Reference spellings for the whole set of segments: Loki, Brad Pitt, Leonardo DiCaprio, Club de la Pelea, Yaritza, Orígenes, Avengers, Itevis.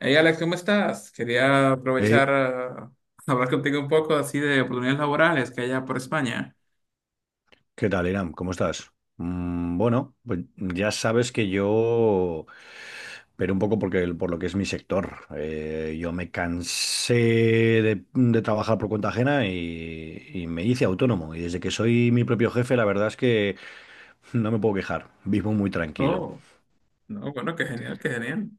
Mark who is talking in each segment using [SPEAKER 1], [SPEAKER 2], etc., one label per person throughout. [SPEAKER 1] Hey Alex, ¿cómo estás? Quería
[SPEAKER 2] Eh,
[SPEAKER 1] aprovechar a hablar contigo un poco así de oportunidades laborales que hay allá por España.
[SPEAKER 2] ¿Qué tal, Iram? ¿Cómo estás? Bueno, pues ya sabes que yo, pero un poco porque, por lo que es mi sector, yo me cansé de trabajar por cuenta ajena y me hice autónomo. Y desde que soy mi propio jefe, la verdad es que no me puedo quejar, vivo muy tranquilo.
[SPEAKER 1] Oh. No, bueno, qué genial, qué genial.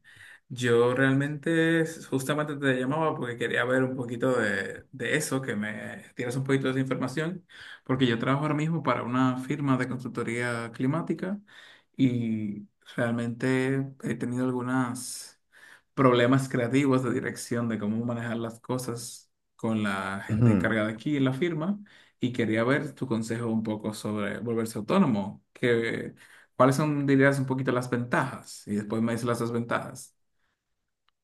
[SPEAKER 1] Yo realmente justamente te llamaba porque quería ver un poquito de eso, que me tienes un poquito de esa información, porque yo trabajo ahora mismo para una firma de consultoría climática y realmente he tenido algunos problemas creativos de dirección de cómo manejar las cosas con la gente
[SPEAKER 2] Ujú.
[SPEAKER 1] encargada aquí en la firma y quería ver tu consejo un poco sobre volverse autónomo. ¿Cuáles son, dirías, un poquito las ventajas? Y después me dices las desventajas.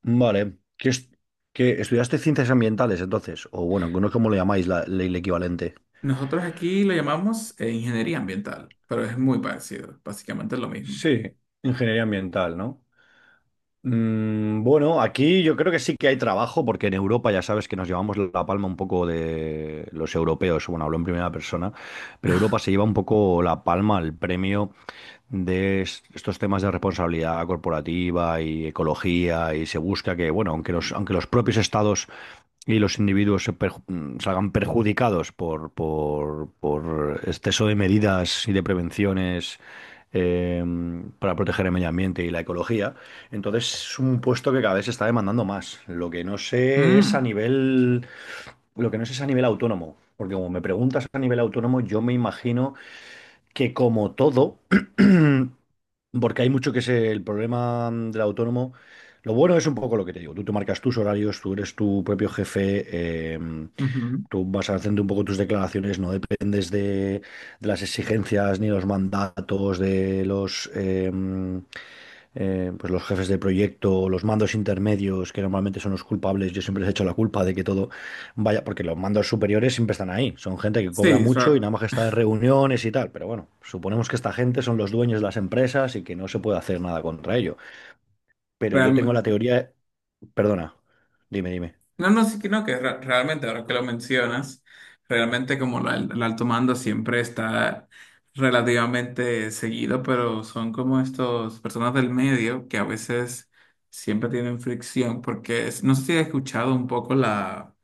[SPEAKER 2] Vale, ¿ estudiaste ciencias ambientales entonces? O bueno, no sé cómo lo llamáis, el equivalente.
[SPEAKER 1] Nosotros aquí lo llamamos ingeniería ambiental, pero es muy parecido, básicamente es lo mismo.
[SPEAKER 2] Sí, ingeniería ambiental, ¿no? Bueno, aquí yo creo que sí que hay trabajo, porque en Europa ya sabes que nos llevamos la palma un poco de los europeos, bueno, hablo en primera persona, pero Europa se lleva un poco la palma, el premio de estos temas de responsabilidad corporativa y ecología, y se busca que, bueno, aunque los propios estados y los individuos salgan perjudicados por exceso de medidas y de prevenciones eh, para proteger el medio ambiente y la ecología. Entonces es un puesto que cada vez se está demandando más.
[SPEAKER 1] Mm,
[SPEAKER 2] Lo que no sé es a nivel autónomo. Porque como me preguntas a nivel autónomo, yo me imagino que como todo, porque hay mucho que es el problema del autónomo, lo bueno es un poco lo que te digo, tú te marcas tus horarios, tú eres tu propio jefe,
[SPEAKER 1] ujú.
[SPEAKER 2] tú vas haciendo un poco tus declaraciones, no dependes de las exigencias ni los mandatos de pues los jefes de proyecto, los mandos intermedios, que normalmente son los culpables, yo siempre les he hecho la culpa de que todo. Vaya, porque los mandos superiores siempre están ahí. Son gente que cobra
[SPEAKER 1] Sí,
[SPEAKER 2] mucho y nada más que está en reuniones y tal. Pero bueno, suponemos que esta gente son los dueños de las empresas y que no se puede hacer nada contra ello. Pero yo tengo la
[SPEAKER 1] realmente.
[SPEAKER 2] teoría, perdona, dime.
[SPEAKER 1] No, sí que no, que realmente, ahora que lo mencionas, realmente como el alto mando siempre está relativamente seguido, pero son como estos personas del medio que a veces siempre tienen fricción, porque no sé si has escuchado un poco la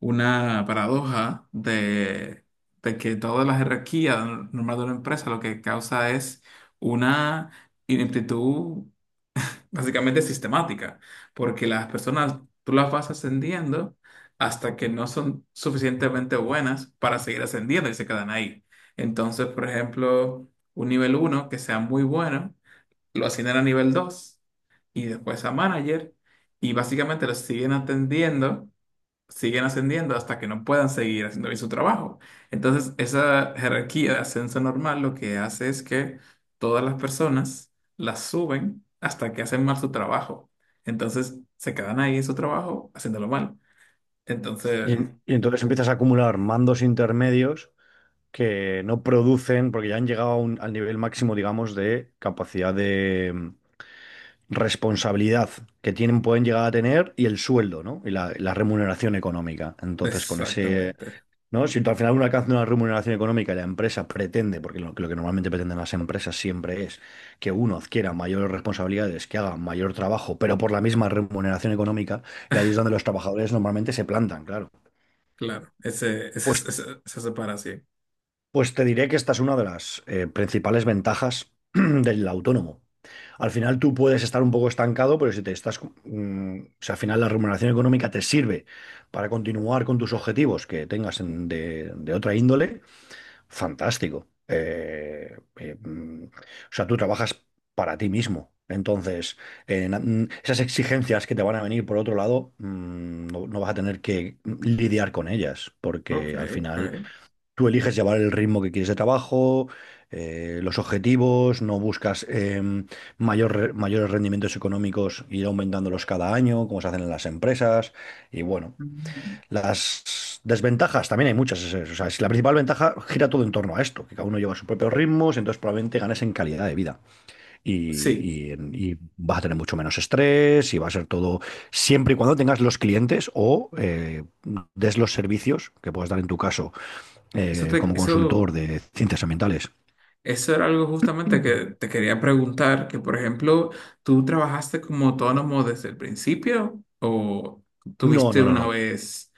[SPEAKER 1] una paradoja de que toda la jerarquía normal de una empresa lo que causa es una ineptitud básicamente sistemática, porque las personas tú las vas ascendiendo hasta que no son suficientemente buenas para seguir ascendiendo y se quedan ahí. Entonces, por ejemplo, un nivel uno que sea muy bueno, lo ascienden a nivel 2 y después a manager y básicamente lo siguen atendiendo siguen ascendiendo hasta que no puedan seguir haciendo bien su trabajo. Entonces, esa jerarquía de ascenso normal lo que hace es que todas las personas las suben hasta que hacen mal su trabajo. Entonces, se quedan ahí en su trabajo haciéndolo mal.
[SPEAKER 2] Y,
[SPEAKER 1] Entonces,
[SPEAKER 2] en- y entonces empiezas a acumular mandos intermedios que no producen, porque ya han llegado a al nivel máximo, digamos, de capacidad de responsabilidad que tienen, pueden llegar a tener y el sueldo, ¿no? Y la remuneración económica. Entonces, con ese
[SPEAKER 1] exactamente,
[SPEAKER 2] ¿no? Si tú al final uno alcanza una remuneración económica y la empresa pretende, porque lo que normalmente pretenden las empresas siempre es que uno adquiera mayores responsabilidades, que haga mayor trabajo, pero por la misma remuneración económica, y ahí es donde los trabajadores normalmente se plantan, claro.
[SPEAKER 1] claro,
[SPEAKER 2] Pues,
[SPEAKER 1] esa separación.
[SPEAKER 2] pues te diré que esta es una de las principales ventajas del autónomo. Al final tú puedes estar un poco estancado, pero si te estás, o sea, al final la remuneración económica te sirve para continuar con tus objetivos que tengas de otra índole. Fantástico. O sea, tú trabajas para ti mismo. Entonces, esas exigencias que te van a venir por otro lado, no, no vas a tener que lidiar con ellas,
[SPEAKER 1] Ok,
[SPEAKER 2] porque al final
[SPEAKER 1] ok.
[SPEAKER 2] tú eliges llevar el ritmo que quieres de trabajo, los objetivos, no buscas mayores rendimientos económicos, ir aumentándolos cada año, como se hacen en las empresas. Y bueno.
[SPEAKER 1] Mm.
[SPEAKER 2] Las desventajas, también hay muchas. O sea, la principal ventaja gira todo en torno a esto, que cada uno lleva sus propios ritmos, entonces probablemente ganes en calidad de vida y,
[SPEAKER 1] Sí,
[SPEAKER 2] y y vas a tener mucho menos estrés y va a ser todo siempre y cuando tengas los clientes o des los servicios que puedas dar en tu caso
[SPEAKER 1] eso te,
[SPEAKER 2] como consultor
[SPEAKER 1] eso
[SPEAKER 2] de ciencias ambientales.
[SPEAKER 1] eso era algo justamente que te quería preguntar, que por ejemplo, ¿tú trabajaste como autónomo desde el principio o
[SPEAKER 2] No,
[SPEAKER 1] tuviste
[SPEAKER 2] no, no,
[SPEAKER 1] una
[SPEAKER 2] no.
[SPEAKER 1] vez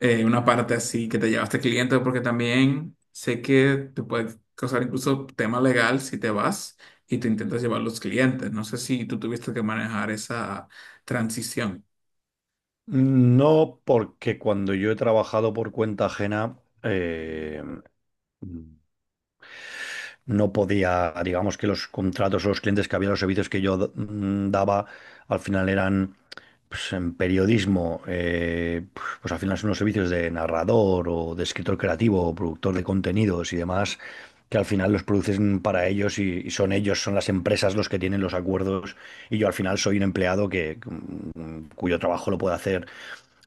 [SPEAKER 1] una parte así que te llevaste cliente? Porque también sé que te puede causar incluso tema legal si te vas y te intentas llevar los clientes. No sé si tú tuviste que manejar esa transición.
[SPEAKER 2] No, porque cuando yo he trabajado por cuenta ajena, no podía, digamos que los contratos o los clientes que había, los servicios que yo daba, al final eran pues, en periodismo, pues al final son los servicios de narrador o de escritor creativo o productor de contenidos y demás, que al final los producen para ellos y son ellos, son las empresas los que tienen los acuerdos y yo al final soy un empleado que cuyo trabajo lo puede hacer,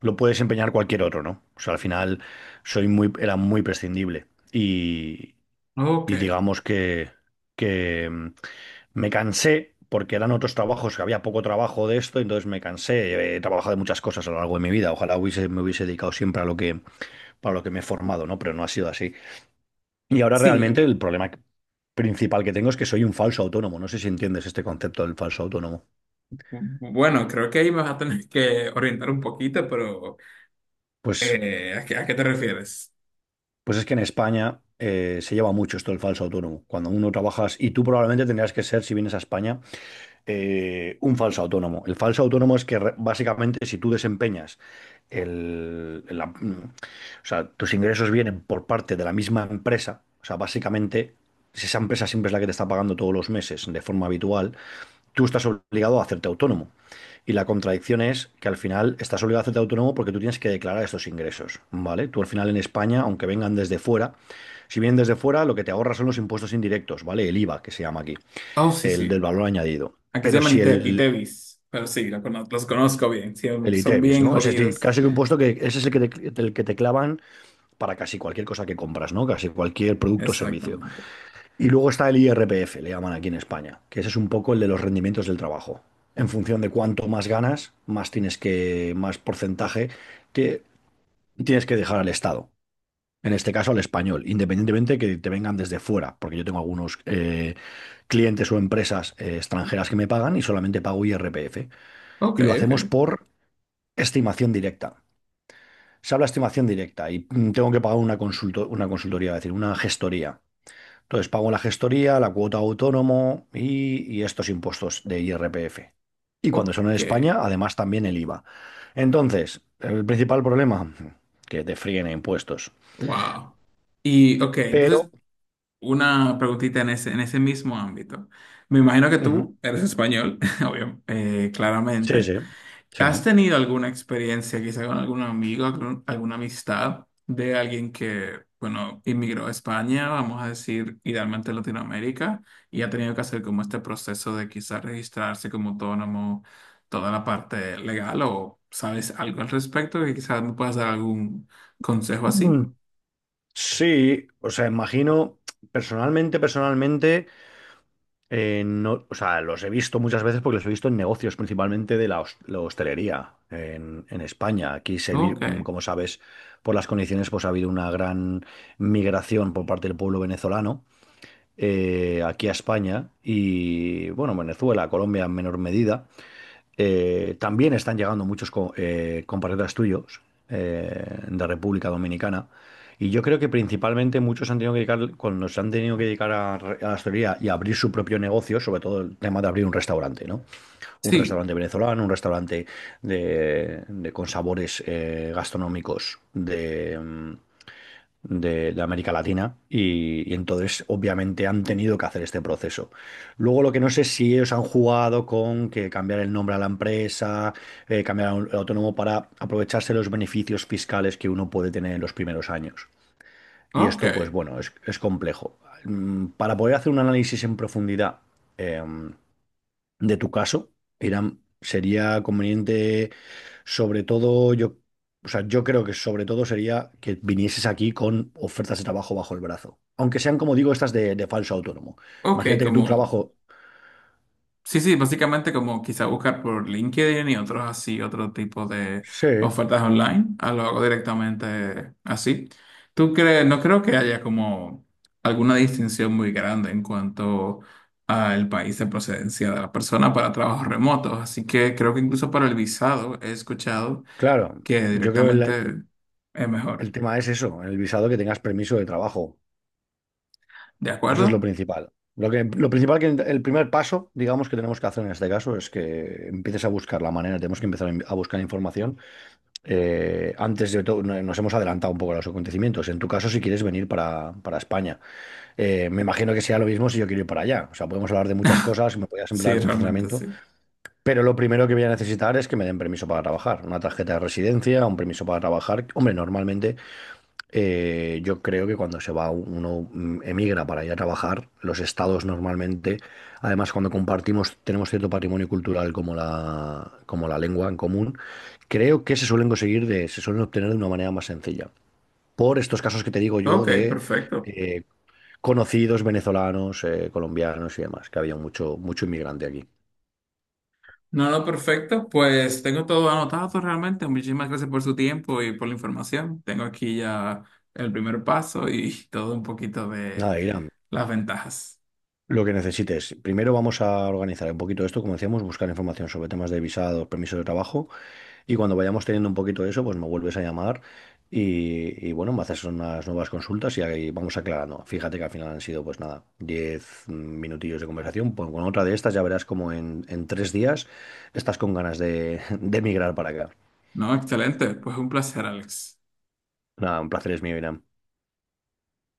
[SPEAKER 2] lo puede desempeñar cualquier otro, ¿no? O sea, al final soy muy, era muy prescindible
[SPEAKER 1] Ok,
[SPEAKER 2] y digamos que me cansé porque eran otros trabajos, que había poco trabajo de esto, entonces me cansé. He trabajado de muchas cosas a lo largo de mi vida. Ojalá hubiese, me hubiese dedicado siempre a lo que, para lo que me he formado, ¿no? Pero no ha sido así. Y ahora
[SPEAKER 1] sí.
[SPEAKER 2] realmente principal que tengo es que soy un falso autónomo. No sé si entiendes este concepto del falso autónomo.
[SPEAKER 1] Bueno, creo que ahí me vas a tener que orientar un poquito, pero
[SPEAKER 2] Pues,
[SPEAKER 1] a qué te refieres?
[SPEAKER 2] pues es que en España se lleva mucho esto del falso autónomo. Cuando uno trabajas, y tú probablemente tendrías que ser, si vienes a España, un falso autónomo. El falso autónomo es que básicamente si tú desempeñas o sea, tus ingresos vienen por parte de la misma empresa, o sea, básicamente si esa empresa siempre es la que te está pagando todos los meses de forma habitual, tú estás obligado a hacerte autónomo. Y la contradicción es que al final estás obligado a hacerte autónomo porque tú tienes que declarar estos ingresos, ¿vale? Tú al final en España, aunque vengan desde fuera, si vienen desde fuera, lo que te ahorras son los impuestos indirectos, ¿vale? El IVA, que se llama aquí
[SPEAKER 1] Oh, sí,
[SPEAKER 2] el del
[SPEAKER 1] sí.
[SPEAKER 2] valor añadido.
[SPEAKER 1] Aquí se
[SPEAKER 2] Pero
[SPEAKER 1] llaman
[SPEAKER 2] si
[SPEAKER 1] Itevis, pero sí, los conozco bien, sí,
[SPEAKER 2] el
[SPEAKER 1] son
[SPEAKER 2] ITEVIS,
[SPEAKER 1] bien
[SPEAKER 2] ¿no? Es decir,
[SPEAKER 1] jodidos.
[SPEAKER 2] casi que un puesto que ese es el que te clavan para casi cualquier cosa que compras, ¿no? Casi cualquier producto o servicio.
[SPEAKER 1] Exactamente.
[SPEAKER 2] Y luego está el IRPF, le llaman aquí en España, que ese es un poco el de los rendimientos del trabajo. En función de cuánto más ganas, más tienes que, más porcentaje que tienes que dejar al Estado. En este caso al español, independientemente que te vengan desde fuera, porque yo tengo algunos clientes o empresas extranjeras que me pagan y solamente pago IRPF.
[SPEAKER 1] Ok,
[SPEAKER 2] Y lo hacemos
[SPEAKER 1] ok,
[SPEAKER 2] por estimación directa. Se habla de estimación directa y tengo que pagar una una consultoría, es decir, una gestoría. Entonces pago la gestoría, la cuota autónomo y estos impuestos de IRPF. Y cuando son en
[SPEAKER 1] ok,
[SPEAKER 2] España, además también el IVA. Entonces, el principal problema, que te fríen impuestos.
[SPEAKER 1] wow. Y ok,
[SPEAKER 2] Pero,
[SPEAKER 1] entonces una preguntita en ese mismo ámbito. Me imagino que
[SPEAKER 2] ujú,
[SPEAKER 1] tú eres español, obvio,
[SPEAKER 2] sí,
[SPEAKER 1] claramente.
[SPEAKER 2] sí, sí.
[SPEAKER 1] ¿Has tenido alguna experiencia quizá con algún amigo, alguna amistad de alguien que, bueno, inmigró a España, vamos a decir, idealmente a Latinoamérica, y ha tenido que hacer como este proceso de quizá registrarse como autónomo, toda la parte legal, o sabes algo al respecto y quizás me puedas dar algún consejo así?
[SPEAKER 2] Mm. Sí, o sea, imagino, personalmente, no, o sea, los he visto muchas veces porque los he visto en negocios, principalmente de la hostelería en España. Aquí
[SPEAKER 1] Ok,
[SPEAKER 2] como sabes, por las condiciones, pues ha habido una gran migración por parte del pueblo venezolano aquí a España y, bueno, Venezuela, Colombia en menor medida. También están llegando muchos compatriotas tuyos de República Dominicana. Y yo creo que principalmente muchos han tenido que dedicar, cuando se han tenido que dedicar a la hostelería y a abrir su propio negocio, sobre todo el tema de abrir un restaurante, ¿no? Un
[SPEAKER 1] sí,
[SPEAKER 2] restaurante venezolano, un restaurante con sabores gastronómicos de América Latina y entonces obviamente han tenido que hacer este proceso. Luego lo que no sé es si ellos han jugado con que cambiar el nombre a la empresa, cambiar a a autónomo para aprovecharse los beneficios fiscales que uno puede tener en los primeros años. Y
[SPEAKER 1] ok,
[SPEAKER 2] esto pues bueno, es complejo. Para poder hacer un análisis en profundidad, em, de tu caso, Irán, sería conveniente, sobre todo, yo, o sea, yo creo que sobre todo sería que vinieses aquí con ofertas de trabajo bajo el brazo. Aunque sean, como digo, estas de falso autónomo.
[SPEAKER 1] ok,
[SPEAKER 2] Imagínate que tu
[SPEAKER 1] como...
[SPEAKER 2] trabajo.
[SPEAKER 1] Sí, sí, básicamente como quizá buscar por LinkedIn y otros así, otro tipo de
[SPEAKER 2] Sí,
[SPEAKER 1] ofertas online, ah, lo hago directamente así. ¿Tú crees? No creo que haya como alguna distinción muy grande en cuanto al país de procedencia de la persona para trabajos remotos, así que creo que incluso para el visado he escuchado
[SPEAKER 2] claro.
[SPEAKER 1] que
[SPEAKER 2] Yo creo que
[SPEAKER 1] directamente es
[SPEAKER 2] el
[SPEAKER 1] mejor.
[SPEAKER 2] tema es eso, el visado que tengas permiso de trabajo.
[SPEAKER 1] ¿De
[SPEAKER 2] Eso es lo
[SPEAKER 1] acuerdo?
[SPEAKER 2] principal. Lo que, lo principal que el primer paso, digamos, que tenemos que hacer en este caso es que empieces a buscar la manera, tenemos que empezar a a buscar información antes de todo, nos hemos adelantado un poco a los acontecimientos. En tu caso, si quieres venir para España, me imagino que sea lo mismo si yo quiero ir para allá. O sea, podemos hablar de muchas cosas, me podías
[SPEAKER 1] Sí,
[SPEAKER 2] emplear con
[SPEAKER 1] realmente
[SPEAKER 2] funcionamiento,
[SPEAKER 1] sí.
[SPEAKER 2] pero lo primero que voy a necesitar es que me den permiso para trabajar, una tarjeta de residencia, un permiso para trabajar. Hombre, normalmente yo creo que cuando se va uno emigra para ir a trabajar, los estados normalmente, además cuando compartimos, tenemos cierto patrimonio cultural como como la lengua en común, creo que se suelen conseguir se suelen obtener de una manera más sencilla. Por estos casos que te digo yo
[SPEAKER 1] Ok,
[SPEAKER 2] de
[SPEAKER 1] perfecto.
[SPEAKER 2] eh, conocidos venezolanos, colombianos y demás, que había mucho, mucho inmigrante aquí.
[SPEAKER 1] No, no, perfecto. Pues tengo todo anotado realmente. Muchísimas gracias por su tiempo y por la información. Tengo aquí ya el primer paso y todo un poquito de
[SPEAKER 2] Nada, Iram,
[SPEAKER 1] las ventajas.
[SPEAKER 2] lo que necesites. Primero vamos a organizar un poquito esto, como decíamos, buscar información sobre temas de visados, permisos de trabajo. Y cuando vayamos teniendo un poquito de eso, pues me vuelves a llamar y bueno, me haces unas nuevas consultas y ahí vamos aclarando. Fíjate que al final han sido, pues nada, 10 minutillos de conversación. Pues con otra de estas ya verás como en 3 días estás con ganas de, de emigrar para acá.
[SPEAKER 1] No, excelente. Pues un placer, Alex.
[SPEAKER 2] Nada, un placer es mío, Irán.